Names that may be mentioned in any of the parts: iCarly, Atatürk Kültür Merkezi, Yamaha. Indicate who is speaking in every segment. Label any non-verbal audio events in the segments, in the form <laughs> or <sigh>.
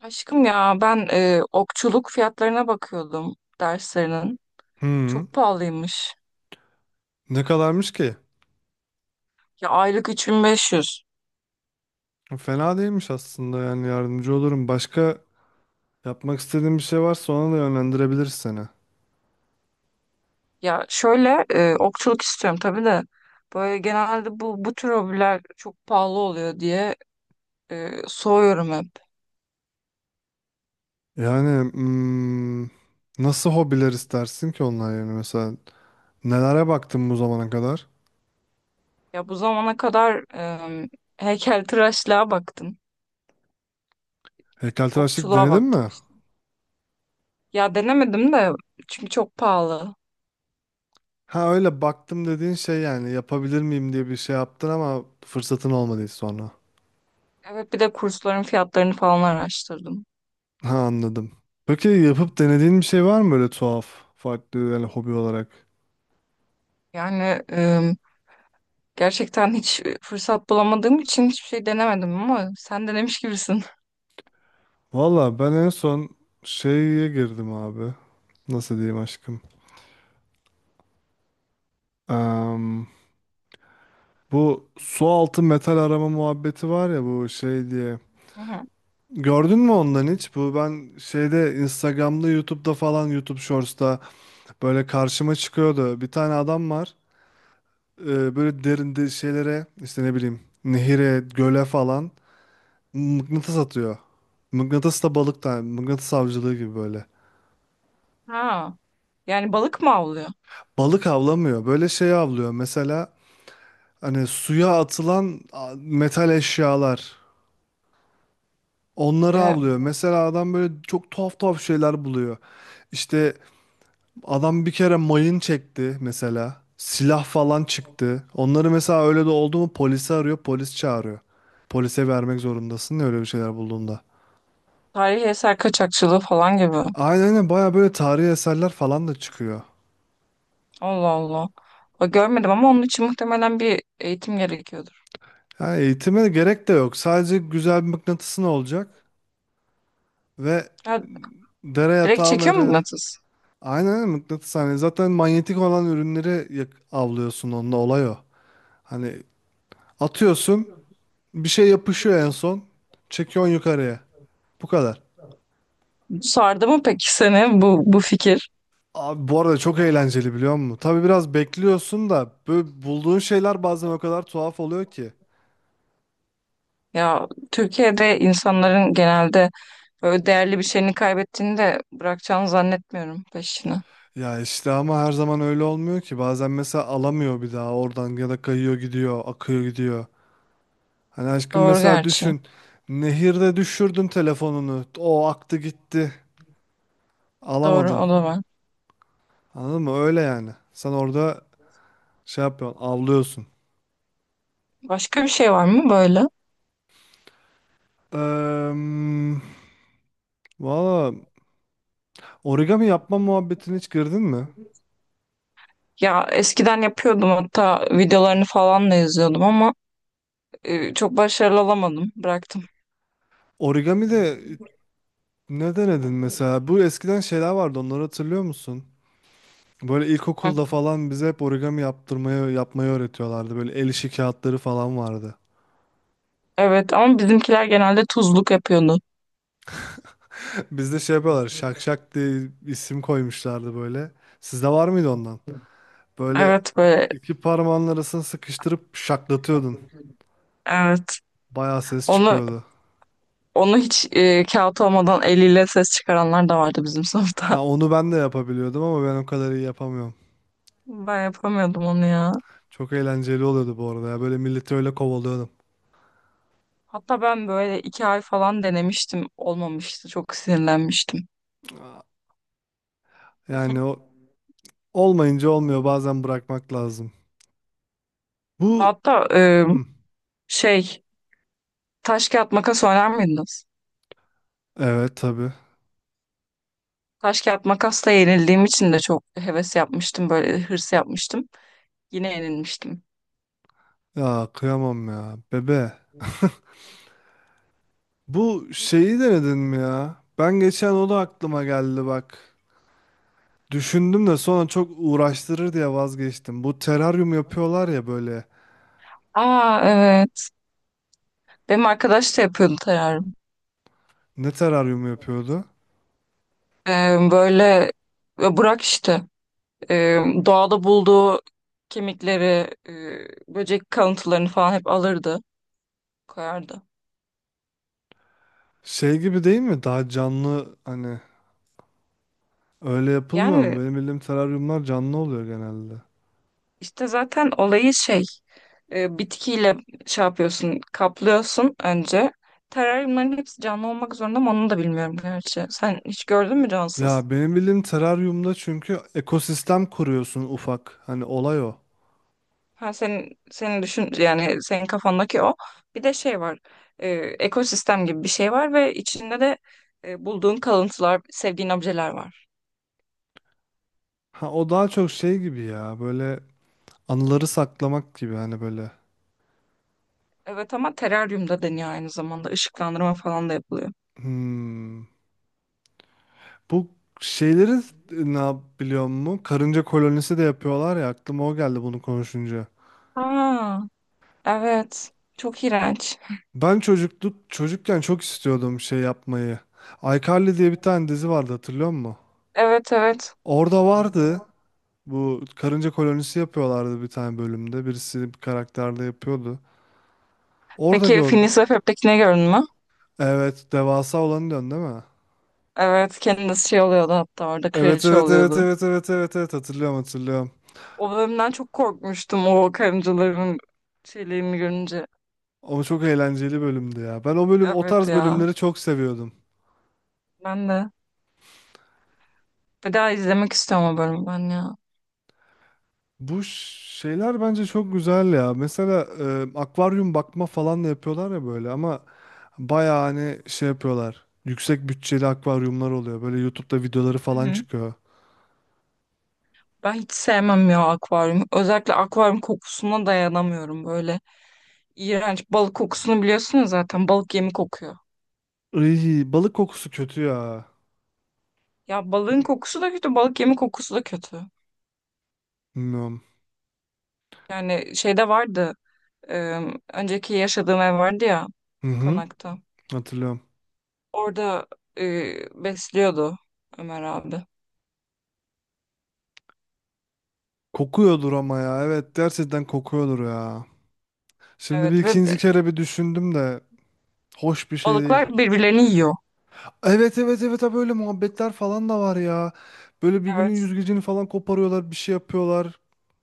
Speaker 1: Aşkım okçuluk fiyatlarına bakıyordum derslerinin.
Speaker 2: Hmm,
Speaker 1: Çok pahalıymış.
Speaker 2: ne kadarmış ki?
Speaker 1: Ya aylık 3500.
Speaker 2: Fena değilmiş aslında yani yardımcı olurum. Başka yapmak istediğin bir şey varsa ona da yönlendirebiliriz seni.
Speaker 1: Ya okçuluk istiyorum tabii de böyle genelde bu tür hobiler çok pahalı oluyor diye soğuyorum hep.
Speaker 2: Yani nasıl hobiler istersin ki onlar yani mesela nelere baktın bu zamana kadar?
Speaker 1: Ya bu zamana kadar e, heykeltıraşlığa baktım.
Speaker 2: Heykeltıraşlık
Speaker 1: Okçuluğa
Speaker 2: denedin
Speaker 1: baktım
Speaker 2: mi?
Speaker 1: işte. Ya denemedim de çünkü çok pahalı.
Speaker 2: Ha öyle baktım dediğin şey yani yapabilir miyim diye bir şey yaptın ama fırsatın olmadı hiç sonra.
Speaker 1: Evet bir de kursların fiyatlarını falan araştırdım.
Speaker 2: Ha anladım. Peki yapıp denediğin bir şey var mı böyle tuhaf, farklı yani hobi olarak?
Speaker 1: Yani gerçekten hiç fırsat bulamadığım için hiçbir şey denemedim ama sen denemiş gibisin.
Speaker 2: Valla ben en son şeye girdim abi. Nasıl diyeyim aşkım? Em, bu su altı metal arama muhabbeti var ya bu şey diye.
Speaker 1: Hı hı.
Speaker 2: Gördün mü ondan hiç? Bu ben şeyde Instagram'da, YouTube'da falan YouTube Shorts'ta böyle karşıma çıkıyordu. Bir tane adam var. Böyle derin şeylere işte ne bileyim nehire, göle falan mıknatıs atıyor. Mıknatıs da balık da mıknatıs avcılığı gibi böyle.
Speaker 1: Ha, yani balık mı avlıyor?
Speaker 2: Balık avlamıyor. Böyle şey avlıyor. Mesela hani suya atılan metal eşyalar. Onları
Speaker 1: E,
Speaker 2: avlıyor. Mesela adam böyle çok tuhaf tuhaf şeyler buluyor. İşte adam bir kere mayın çekti mesela. Silah falan çıktı. Onları mesela öyle de oldu mu polisi arıyor, polis çağırıyor. Polise vermek zorundasın ya öyle bir şeyler bulduğunda.
Speaker 1: tarihi eser kaçakçılığı falan gibi.
Speaker 2: Aynen aynen baya böyle tarihi eserler falan da çıkıyor.
Speaker 1: Allah Allah. O görmedim ama onun için muhtemelen bir eğitim gerekiyordur.
Speaker 2: Yani eğitime gerek de yok. Sadece güzel bir mıknatısın olacak ve
Speaker 1: Ya,
Speaker 2: dere
Speaker 1: direkt
Speaker 2: yatağı
Speaker 1: çekiyor mu
Speaker 2: mere
Speaker 1: mıknatıs?
Speaker 2: aynen öyle, mıknatıs hani zaten manyetik olan ürünleri avlıyorsun onunla olay o. Hani atıyorsun bir şey yapışıyor en son çekiyorsun yukarıya. Bu kadar.
Speaker 1: Sardı mı peki seni bu fikir?
Speaker 2: Abi bu arada çok eğlenceli biliyor musun? Tabii biraz bekliyorsun da böyle bulduğun şeyler bazen o kadar tuhaf oluyor ki.
Speaker 1: Ya Türkiye'de insanların genelde böyle değerli bir şeyini kaybettiğini de bırakacağını zannetmiyorum peşine.
Speaker 2: Ya işte ama her zaman öyle olmuyor ki. Bazen mesela alamıyor bir daha oradan ya da kayıyor gidiyor, akıyor gidiyor. Hani aşkım
Speaker 1: Doğru
Speaker 2: mesela
Speaker 1: gerçi.
Speaker 2: düşün. Nehirde düşürdün telefonunu. O aktı gitti.
Speaker 1: Doğru
Speaker 2: Alamadın.
Speaker 1: o da var.
Speaker 2: Anladın mı? Öyle yani. Sen orada şey yapıyorsun, avlıyorsun.
Speaker 1: Başka bir şey var mı böyle?
Speaker 2: Eee valla origami yapma muhabbetine hiç girdin mi?
Speaker 1: Ya eskiden yapıyordum hatta videolarını falan da izliyordum ama çok başarılı olamadım. Bıraktım.
Speaker 2: Origami de ne denedin mesela? Bu eskiden şeyler vardı, onları hatırlıyor musun? Böyle ilkokulda
Speaker 1: Hı.
Speaker 2: falan bize hep origami yaptırmayı, yapmayı öğretiyorlardı. Böyle el işi kağıtları falan vardı.
Speaker 1: Evet ama bizimkiler genelde tuzluk yapıyordu.
Speaker 2: <laughs> Bizde şey yapıyorlar, şak şak diye isim koymuşlardı böyle. Sizde var mıydı ondan? Böyle
Speaker 1: Evet böyle
Speaker 2: iki parmağın arasını sıkıştırıp şaklatıyordun.
Speaker 1: evet.
Speaker 2: Bayağı ses
Speaker 1: Onu
Speaker 2: çıkıyordu.
Speaker 1: onu hiç kağıt olmadan eliyle ses çıkaranlar da vardı bizim sınıfta.
Speaker 2: Ha
Speaker 1: <laughs>
Speaker 2: onu ben de yapabiliyordum ama ben o kadar iyi yapamıyorum.
Speaker 1: Ben yapamıyordum onu ya.
Speaker 2: Çok eğlenceli oluyordu bu arada ya. Böyle milleti öyle kovalıyordum.
Speaker 1: Hatta ben böyle iki ay falan denemiştim. Olmamıştı. Çok sinirlenmiştim.
Speaker 2: Yani o olmayınca olmuyor. Bazen bırakmak lazım. Bu
Speaker 1: Hatta
Speaker 2: hı,
Speaker 1: şey taş kağıt makas oynar mıydınız?
Speaker 2: evet tabii.
Speaker 1: Taş kağıt makasla yenildiğim için de çok heves yapmıştım böyle hırs yapmıştım. Yine yenilmiştim.
Speaker 2: Ya kıyamam ya. Bebe. Bu şeyi denedin mi ya? Ben geçen o da aklıma geldi bak. Düşündüm de sonra çok uğraştırır diye vazgeçtim. Bu teraryum yapıyorlar ya böyle.
Speaker 1: Aa evet. Benim arkadaş da yapıyordu terarium.
Speaker 2: Ne teraryum yapıyordu?
Speaker 1: Böyle Burak işte e, doğada bulduğu kemikleri, böcek kalıntılarını falan hep alırdı, koyardı.
Speaker 2: Şey gibi değil mi? Daha canlı hani öyle yapılmıyor mu?
Speaker 1: Yani
Speaker 2: Benim bildiğim teraryumlar canlı oluyor genelde.
Speaker 1: İşte zaten olayı şey bitkiyle şey yapıyorsun kaplıyorsun önce. Teraryumların hepsi canlı olmak zorunda mı onu da bilmiyorum gerçi. Sen hiç gördün mü cansız?
Speaker 2: Ya benim bildiğim teraryumda çünkü ekosistem kuruyorsun ufak. Hani olay o.
Speaker 1: Ha senin düşün yani senin kafandaki o. Bir de şey var. Ekosistem gibi bir şey var ve içinde de bulduğun kalıntılar, sevdiğin objeler var.
Speaker 2: Ha o daha çok şey gibi ya böyle anıları saklamak gibi hani böyle.
Speaker 1: Evet ama teraryumda deniyor aynı zamanda ışıklandırma falan da yapılıyor.
Speaker 2: Hmm. Bu şeyleri biliyor musun? Karınca kolonisi de yapıyorlar ya aklıma o geldi bunu konuşunca.
Speaker 1: Aa, evet. Çok iğrenç.
Speaker 2: Ben çocukluk çocukken çok istiyordum şey yapmayı. iCarly diye bir tane dizi vardı hatırlıyor musun?
Speaker 1: Evet evet.
Speaker 2: Orada vardı. Bu karınca kolonisi yapıyorlardı bir tane bölümde. Birisi bir karakterde yapıyordu. Orada
Speaker 1: Peki
Speaker 2: gördüm.
Speaker 1: Phineas ve Ferb'tekini gördün mü?
Speaker 2: Evet, devasa olanı diyorsun değil mi?
Speaker 1: Evet kendisi şey oluyordu hatta orada
Speaker 2: Evet,
Speaker 1: kraliçe
Speaker 2: evet, evet,
Speaker 1: oluyordu.
Speaker 2: evet, evet, evet, evet hatırlıyorum, hatırlıyorum.
Speaker 1: O bölümden çok korkmuştum o karıncaların şeylerini görünce.
Speaker 2: Ama çok eğlenceli bölümdü ya. Ben o bölüm, o
Speaker 1: Evet
Speaker 2: tarz
Speaker 1: ya
Speaker 2: bölümleri çok seviyordum.
Speaker 1: ben de. Bir daha izlemek istiyorum o bölümü ben ya.
Speaker 2: Bu şeyler bence çok güzel ya. Mesela akvaryum bakma falan da yapıyorlar ya böyle ama bayağı hani şey yapıyorlar. Yüksek bütçeli akvaryumlar oluyor. Böyle YouTube'da videoları
Speaker 1: Hı
Speaker 2: falan
Speaker 1: hı.
Speaker 2: çıkıyor.
Speaker 1: Ben hiç sevmem ya akvaryum. Özellikle akvaryum kokusuna dayanamıyorum böyle. İğrenç balık kokusunu biliyorsunuz zaten balık yemi kokuyor.
Speaker 2: Iy, balık kokusu kötü ya.
Speaker 1: Ya balığın kokusu da kötü, balık yemi kokusu da kötü.
Speaker 2: Bilmiyorum.
Speaker 1: Yani şeyde vardı, e, önceki yaşadığım ev vardı ya,
Speaker 2: Hı hı,
Speaker 1: konakta.
Speaker 2: hatırlıyorum.
Speaker 1: Orada besliyordu Ömer abi.
Speaker 2: Kokuyordur ama ya. Evet gerçekten kokuyordur ya. Şimdi bir
Speaker 1: Evet ve
Speaker 2: ikinci
Speaker 1: b-
Speaker 2: kere bir düşündüm de hoş bir şey değil.
Speaker 1: balıklar birbirlerini yiyor.
Speaker 2: Evet evet evet ha böyle muhabbetler falan da var ya. Böyle birbirinin
Speaker 1: Evet.
Speaker 2: yüzgecini falan koparıyorlar, bir şey yapıyorlar.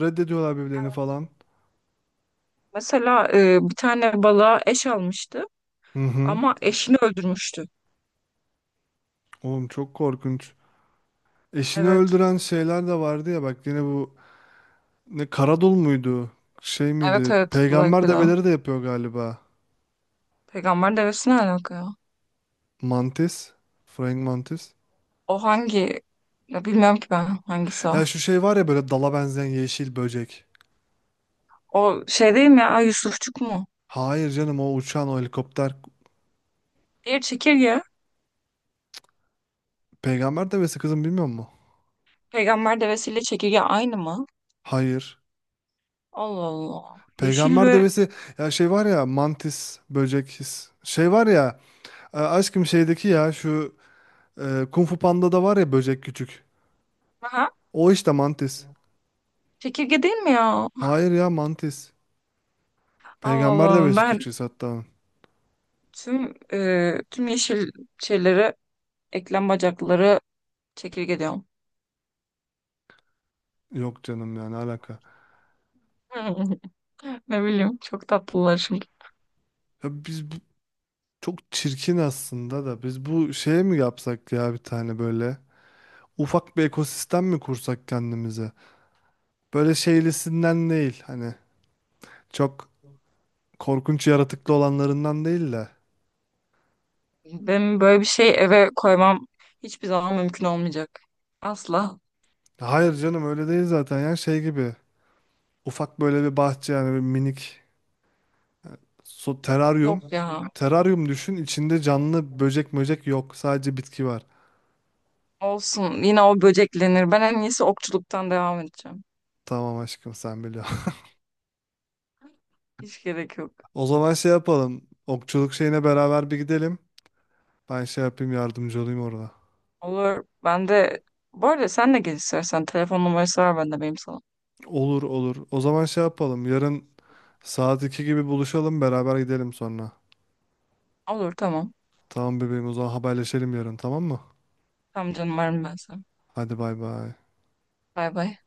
Speaker 2: Reddediyorlar birbirlerini falan.
Speaker 1: Mesela bir tane balığa eş almıştı
Speaker 2: Hı hı.
Speaker 1: ama eşini öldürmüştü.
Speaker 2: Oğlum çok korkunç. Eşini
Speaker 1: Evet.
Speaker 2: öldüren şeyler de vardı ya bak yine bu ne, Karadul muydu? Şey
Speaker 1: Evet
Speaker 2: miydi?
Speaker 1: evet, like
Speaker 2: Peygamber
Speaker 1: o.
Speaker 2: develeri de yapıyor galiba.
Speaker 1: Peygamber devesi ne alaka ya?
Speaker 2: Mantis. Frank Mantis.
Speaker 1: O hangi? Ya bilmiyorum ki ben hangisi o.
Speaker 2: Ya şu şey var ya böyle dala benzeyen yeşil böcek.
Speaker 1: O şey değil mi ya, Yusufçuk mu?
Speaker 2: Hayır canım o uçan o helikopter.
Speaker 1: Diğer çekirge.
Speaker 2: Peygamber devesi kızım bilmiyor musun?
Speaker 1: Peygamber devesiyle çekirge aynı mı?
Speaker 2: Hayır.
Speaker 1: Allah Allah. Yeşil
Speaker 2: Peygamber
Speaker 1: ve
Speaker 2: devesi ya şey var ya mantis böcek his. Şey var ya aşkım şeydeki ya şu Kung Fu Panda'da var ya böcek küçük.
Speaker 1: Aha,
Speaker 2: O işte mantis.
Speaker 1: çekirge değil mi ya?
Speaker 2: Hayır ya mantis.
Speaker 1: Allah
Speaker 2: Peygamber
Speaker 1: Allah.
Speaker 2: devesi
Speaker 1: Ben
Speaker 2: Türkçesi hatta onun.
Speaker 1: tüm yeşil şeyleri eklem bacakları çekirge diyorum.
Speaker 2: Yok canım yani alaka.
Speaker 1: <laughs> Ne bileyim çok tatlılar şimdi.
Speaker 2: Ya biz bu, çok çirkin aslında da biz bu şeye mi yapsak ya bir tane böyle? Ufak bir ekosistem mi kursak kendimize? Böyle şeylisinden değil hani çok korkunç yaratıklı olanlarından değil de.
Speaker 1: Benim böyle bir şey eve koymam hiçbir zaman mümkün olmayacak. Asla.
Speaker 2: Hayır canım öyle değil zaten ya şey gibi. Ufak böyle bir bahçe yani bir minik su, teraryum.
Speaker 1: Yok ya.
Speaker 2: Teraryum düşün içinde canlı böcek möcek yok sadece bitki var.
Speaker 1: Olsun. Yine o böceklenir. Ben en iyisi okçuluktan devam edeceğim.
Speaker 2: Tamam aşkım sen biliyorsun. <laughs>
Speaker 1: Hiç gerek yok.
Speaker 2: O zaman şey yapalım. Okçuluk şeyine beraber bir gidelim. Ben şey yapayım yardımcı olayım orada.
Speaker 1: Olur. Ben de bu arada sen de gel istersen. Telefon numarası var bende benim sana.
Speaker 2: Olur olur. O zaman şey yapalım. Yarın saat 2 gibi buluşalım beraber gidelim sonra.
Speaker 1: Olur tamam.
Speaker 2: Tamam bebeğim o zaman haberleşelim yarın tamam mı?
Speaker 1: Tamam canım varım ben sana.
Speaker 2: Hadi bay bay.
Speaker 1: Bay bay.